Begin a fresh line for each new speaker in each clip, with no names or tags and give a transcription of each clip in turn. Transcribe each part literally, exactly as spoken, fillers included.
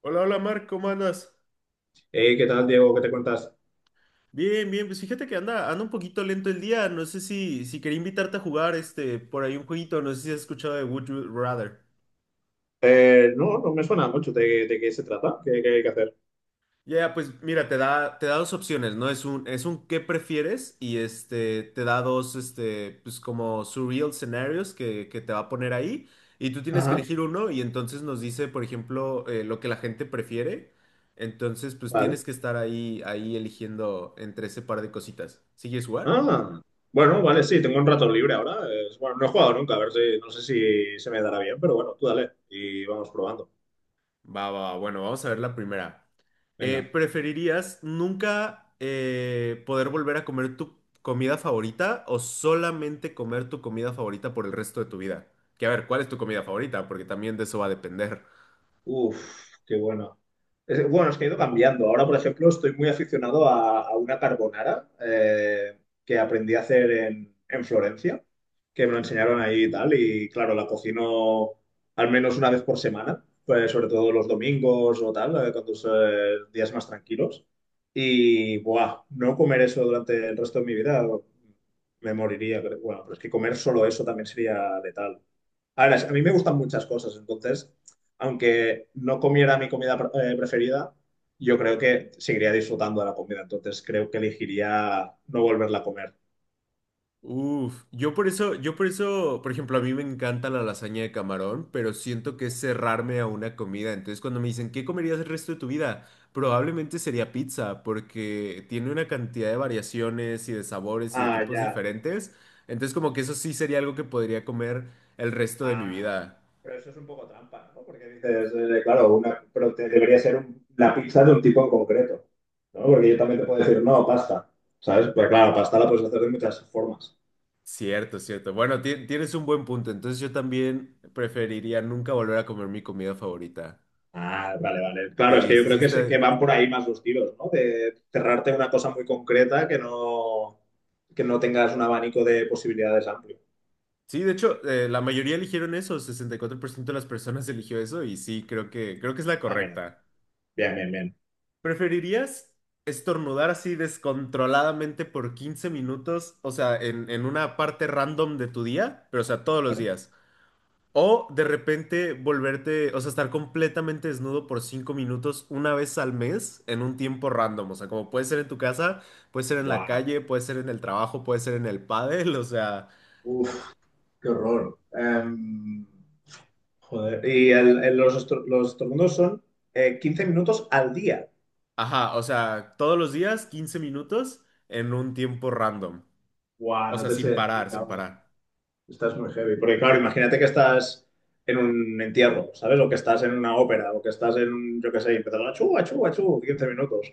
Hola, hola Marc, ¿cómo andas?
Hey, ¿qué tal, Diego? ¿Qué te cuentas?
Bien, bien, pues fíjate que anda, anda un poquito lento el día. No sé si, si quería invitarte a jugar este por ahí un jueguito, no sé si has escuchado de Would You Rather.
Eh, no, no me suena mucho de, de qué se trata, qué, qué hay que hacer.
Ya, ya, pues mira, te da, te da dos opciones, ¿no? Es un, es un qué prefieres y este te da dos este, pues como surreal scenarios que, que te va a poner ahí. Y tú tienes que
Ajá,
elegir uno, y entonces nos dice, por ejemplo, eh, lo que la gente prefiere. Entonces, pues
vale.
tienes que estar ahí, ahí eligiendo entre ese par de cositas. ¿Sigues jugar?
Ah, bueno, vale, sí, tengo un rato libre ahora. Es- bueno, no he jugado nunca, a ver si, no sé si se me dará bien, pero bueno, tú dale y vamos probando.
Va, va, va. Bueno, vamos a ver la primera. Eh,
Venga.
¿preferirías nunca eh, poder volver a comer tu comida favorita o solamente comer tu comida favorita por el resto de tu vida? Que a ver, ¿cuál es tu comida favorita? Porque también de eso va a depender.
Uf, qué bueno. Es- bueno, es que he ido cambiando. Ahora, por ejemplo, estoy muy aficionado a, a una carbonara eh, que aprendí a hacer en, en Florencia, que me lo enseñaron ahí y tal. Y claro, la cocino al menos una vez por semana, pues, sobre todo los domingos o tal, eh, cuando son eh, días más tranquilos. Y, buah, no comer eso durante el resto de mi vida, me moriría. creo. Bueno, pero es que comer solo eso también sería letal. A ver, a mí me gustan muchas cosas, entonces, aunque no comiera mi comida pre- eh, preferida, yo creo que seguiría disfrutando de la comida, entonces creo que elegiría no volverla a comer.
Uf, yo por eso, yo por eso, por ejemplo, a mí me encanta la lasaña de camarón, pero siento que es cerrarme a una comida. Entonces, cuando me dicen, ¿qué comerías el resto de tu vida? Probablemente sería pizza, porque tiene una cantidad de variaciones y de sabores y de
Ah,
tipos
ya.
diferentes. Entonces, como que eso sí sería algo que podría comer el resto de mi
Ah,
vida.
pero eso es un poco trampa, ¿no? Porque dices, eh, claro, una, pero te- debería ser un- la pizza de un tipo en concreto, ¿no? Porque yo también te puedo decir, no, pasta, ¿sabes? Pero claro, pasta la puedes hacer de muchas formas.
Cierto, cierto. Bueno, ti- tienes un buen punto. Entonces, yo también preferiría nunca volver a comer mi comida favorita.
Ah, vale, vale. Claro, es
Sí,
que yo
sí, sí,
creo que, se- que
está.
van por ahí más los tiros, ¿no? De cerrarte una cosa muy concreta que no, que no tengas un abanico de posibilidades amplio.
Sí, de hecho, eh, la mayoría eligieron eso, sesenta y cuatro por ciento de las personas eligió eso y sí, creo que, creo que es la
Ah, mira,
correcta.
bien, bien, bien. bien.
¿Preferirías estornudar así descontroladamente por quince minutos, o sea, en, en una parte random de tu día, pero o sea, todos los
Bueno,
días? O de repente volverte, o sea, estar completamente desnudo por cinco minutos una vez al mes en un tiempo random, o sea, como puede ser en tu casa, puede ser en la
guau.
calle, puede ser en el trabajo, puede ser en el pádel, o sea...
Uf, qué horror. Em, joder. Y el- el- los, estro- los estornudos son eh, quince minutos al día.
Ajá, o sea, todos los días quince minutos en un tiempo random.
Guau,
O
no
sea,
te sé
sin parar,
decir
sin
ahora.
parar.
Estás muy heavy. Porque claro, imagínate que estás en un entierro, ¿sabes? O que estás en una ópera, o que estás en, un- yo qué sé, y empezar a chu, a chu, a chu, quince minutos.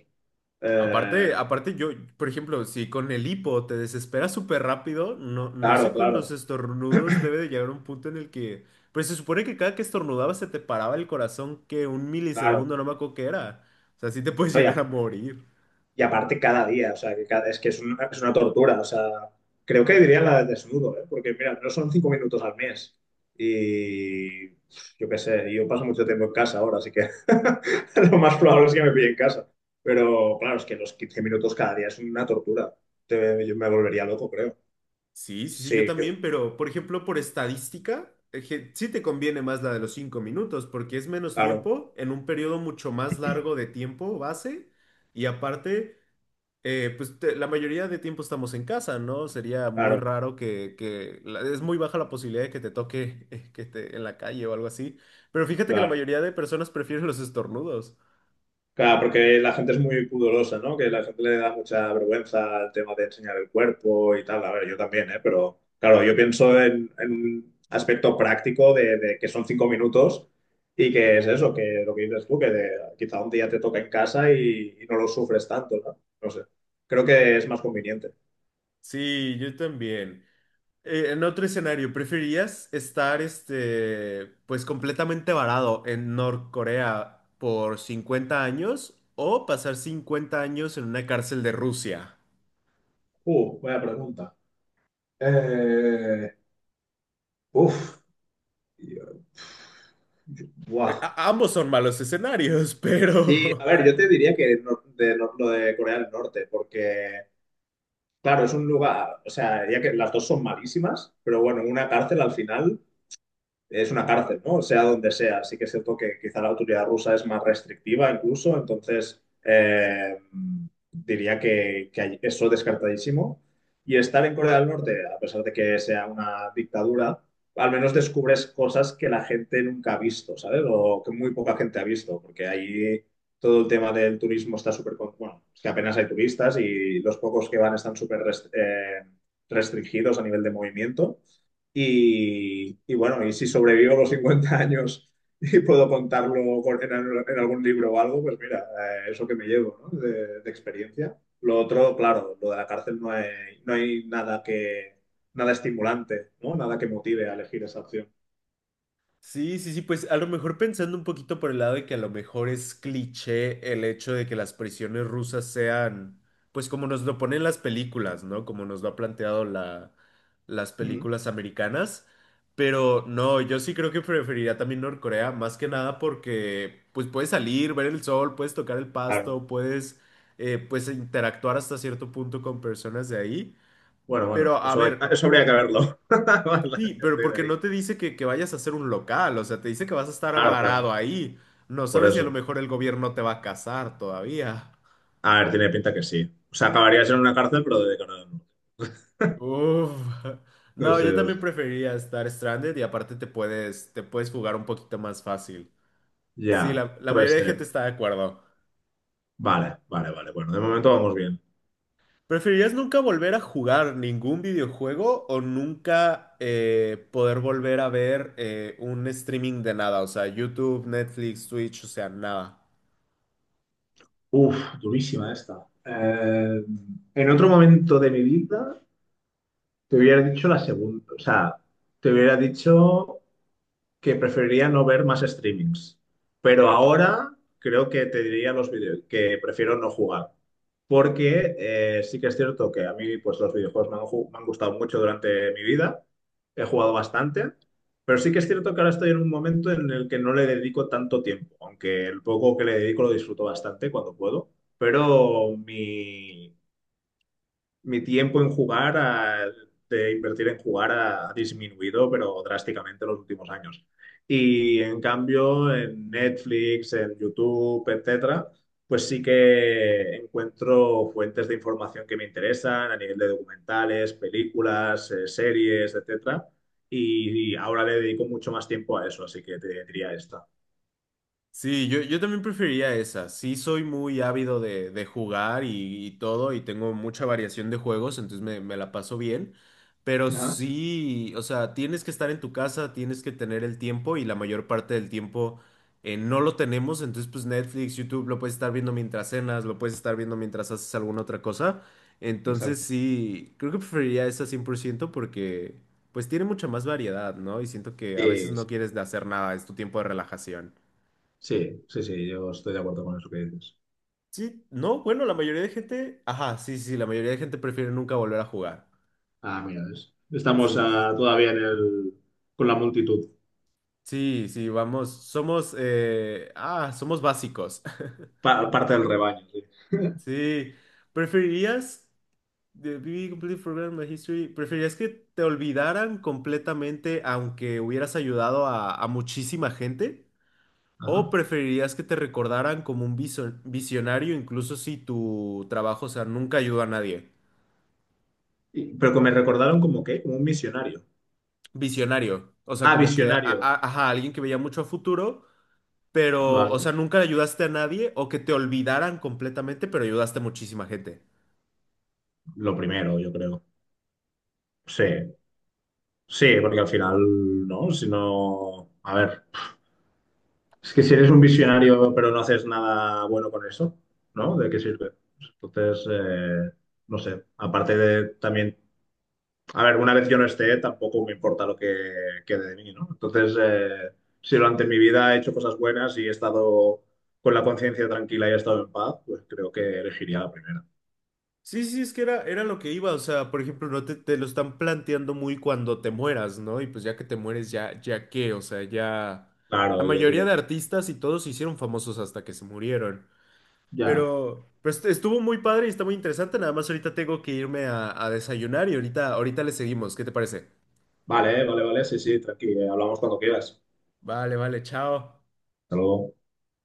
Aparte,
Eh,
aparte yo, por ejemplo, si con el hipo te desesperas súper rápido, no, no
claro,
sé, con los
claro,
estornudos debe de llegar un punto en el que... Pues se supone que cada que estornudabas se te paraba el corazón que un
claro.
milisegundo, no me acuerdo qué era. O sea, sí te puedes
No, y, a-
llegar a morir.
y aparte cada día, o sea, que cada- es que es una, es una tortura, o sea, creo que diría la de desnudo, ¿eh? Porque mira, no son cinco minutos al mes y yo qué sé, yo paso mucho tiempo en casa ahora, así que lo más probable es que me pille en casa. Pero claro, es que los quince minutos cada día es una tortura. Te- yo me volvería loco, creo.
Sí, sí, sí, yo
Sí, que-
también, pero por ejemplo, por estadística, eh, je- sí te conviene más la de los cinco minutos, porque es menos
claro,
tiempo en un periodo mucho más largo de tiempo base, y aparte, eh, pues te- la mayoría de tiempo estamos en casa, ¿no? Sería muy
claro,
raro que, que la- es muy baja la posibilidad de que te toque que te, en la calle o algo así, pero fíjate que la
claro.
mayoría de personas prefieren los estornudos.
Claro, porque la gente es muy pudorosa, ¿no? Que la gente le da mucha vergüenza al tema de enseñar el cuerpo y tal. A ver, yo también, ¿eh? Pero claro, yo pienso en, en un aspecto práctico de, de que son cinco minutos y que es eso, que lo que dices tú, que de- quizá un día te toca en casa y, y no lo sufres tanto, ¿no? No sé. Creo que es más conveniente.
Sí, yo también. Eh, en otro escenario, ¿preferirías estar, este, pues completamente varado en Norcorea por cincuenta años o pasar cincuenta años en una cárcel de Rusia?
Uh, buena pregunta. Eh, Uf,
Eh,
Buah.
a- ambos son malos escenarios,
Y a
pero
ver, yo te diría que no- de, no- lo de Corea del Norte, porque. Claro, es un lugar, o sea, ya que las dos son malísimas, pero bueno, una cárcel al final es una cárcel, ¿no? Sea donde sea. Así que es cierto que quizá la autoridad rusa es más restrictiva incluso, entonces eh, diría que, que hay- eso descartadísimo. Y estar en Corea del Norte, a pesar de que sea una dictadura, al menos descubres cosas que la gente nunca ha visto, ¿sabes? O que muy poca gente ha visto, porque ahí todo el tema del turismo está súper... con- Bueno, es que apenas hay turistas y los pocos que van están súper rest- eh, restringidos a nivel de movimiento. Y, y bueno, y si sobrevivo los cincuenta años y puedo contarlo con- en, al- en algún libro o algo, pues mira, eh, eso que me llevo, ¿no? De, de experiencia. Lo otro, claro, lo de la cárcel no hay, no hay nada que, nada estimulante, ¿no? Nada que motive a elegir esa opción.
sí, sí, sí, pues a lo mejor pensando un poquito por el lado de que a lo mejor es cliché el hecho de que las prisiones rusas sean, pues como nos lo ponen las películas, ¿no? Como nos lo ha planteado la, las
Ujú.
películas americanas. Pero no, yo sí creo que preferiría también Norcorea, más que nada porque pues puedes salir, ver el sol, puedes tocar el
Claro.
pasto, puedes eh, pues interactuar hasta cierto punto con personas de ahí.
Bueno, bueno,
Pero a
eso, hay-
ver,
eso habría que verlo. La
sí, pero
gente
porque
de ahí.
no te dice que, que vayas a hacer un local, o sea, te dice que vas a estar
Claro, claro,
varado ahí. No
por
sabes si a lo
eso.
mejor el gobierno te va a casar todavía.
A ver, tiene pinta que sí. O sea, acabarías en una cárcel, pero de cara a la
Uf.
no
No,
sé,
yo
no
también
sé.
preferiría estar stranded y aparte te puedes, te puedes jugar un poquito más fácil. Sí,
Ya,
la, la
puede
mayoría de gente
ser.
está de acuerdo.
Vale, vale, vale. Bueno, de momento vamos bien.
¿Preferirías nunca volver a jugar ningún videojuego o nunca eh, poder volver a ver eh, un streaming de nada? O sea, YouTube, Netflix, Twitch, o sea, nada.
Uf, durísima esta. Eh, en otro momento de mi vida te hubiera dicho la segunda, o sea, te hubiera dicho que preferiría no ver más streamings. Pero ahora creo que te diría los videos, que prefiero no jugar. Porque eh, sí que es cierto que a mí pues, los videojuegos me han, ju- me han gustado mucho durante mi vida. He jugado bastante. Pero sí que es cierto que ahora estoy en un momento en el que no le dedico tanto tiempo. Aunque el poco que le dedico lo disfruto bastante cuando puedo. Pero mi, mi tiempo en jugar, a- de invertir en jugar, ha disminuido, pero drásticamente en los últimos años. Y en cambio, en Netflix, en YouTube, etcétera, pues sí que encuentro fuentes de información que me interesan a nivel de documentales, películas, eh, series, etcétera. Y, y ahora le dedico mucho más tiempo a eso, así que te diría esta.
Sí, yo, yo también preferiría esa. Sí, soy muy ávido de, de jugar y, y todo, y tengo mucha variación de juegos, entonces me, me la paso bien. Pero
Ajá,
sí, o sea, tienes que estar en tu casa, tienes que tener el tiempo, y la mayor parte del tiempo eh, no lo tenemos. Entonces, pues Netflix, YouTube, lo puedes estar viendo mientras cenas, lo puedes estar viendo mientras haces alguna otra cosa. Entonces,
exacto.
sí, creo que preferiría esa cien por ciento porque, pues, tiene mucha más variedad, ¿no? Y siento que a veces no
Sí,
quieres de hacer nada, es tu tiempo de relajación.
sí, sí, sí, yo estoy de acuerdo con eso que dices.
Sí, no, bueno, la mayoría de gente, ajá, sí, sí, la mayoría de gente prefiere nunca volver a jugar.
Ah, mira, es- estamos
Sí, sí,
ah, todavía en el, con la multitud,
sí, sí, vamos, somos, eh, ah, somos básicos.
pa- parte del rebaño, sí.
Sí, ¿preferirías, the B B completely forgotten my history, preferirías que te olvidaran completamente aunque hubieras ayudado a, a muchísima gente?
Ajá.
¿O preferirías que te recordaran como un viso- visionario incluso si tu trabajo, o sea, nunca ayudó a nadie?
Y- pero que me recordaron como que, como un misionario.
Visionario. O sea,
Ah,
como que, a-
visionario.
a- ajá, alguien que veía mucho a futuro, pero, o
Vale.
sea, nunca le ayudaste a nadie o que te olvidaran completamente, pero ayudaste a muchísima gente.
Lo primero, yo creo. Sí, sí, porque al final, ¿no? Si no, a ver, es que si eres un visionario pero no haces nada bueno con eso, ¿no? ¿De qué sirve? Entonces, eh, no sé, aparte de también. A ver, una vez yo no esté, tampoco me importa lo que quede de mí, ¿no? Entonces, eh, si durante mi vida he hecho cosas buenas y he estado con la conciencia tranquila y he estado en paz, pues creo que elegiría la primera.
Sí, sí, es que era, era lo que iba. O sea, por ejemplo, no te, te lo están planteando muy cuando te mueras, ¿no? Y pues ya que te mueres, ya, ya qué, o sea, ya. La
Claro, yo
mayoría
digo,
de
no,
artistas y todos se hicieron famosos hasta que se murieron.
ya.
Pero, pero est- estuvo muy padre y está muy interesante. Nada más ahorita tengo que irme a, a desayunar y ahorita, ahorita le seguimos. ¿Qué te parece?
Vale, vale, vale, sí, sí, tranquilo, hablamos cuando quieras.
Vale, vale, chao.
Hasta luego.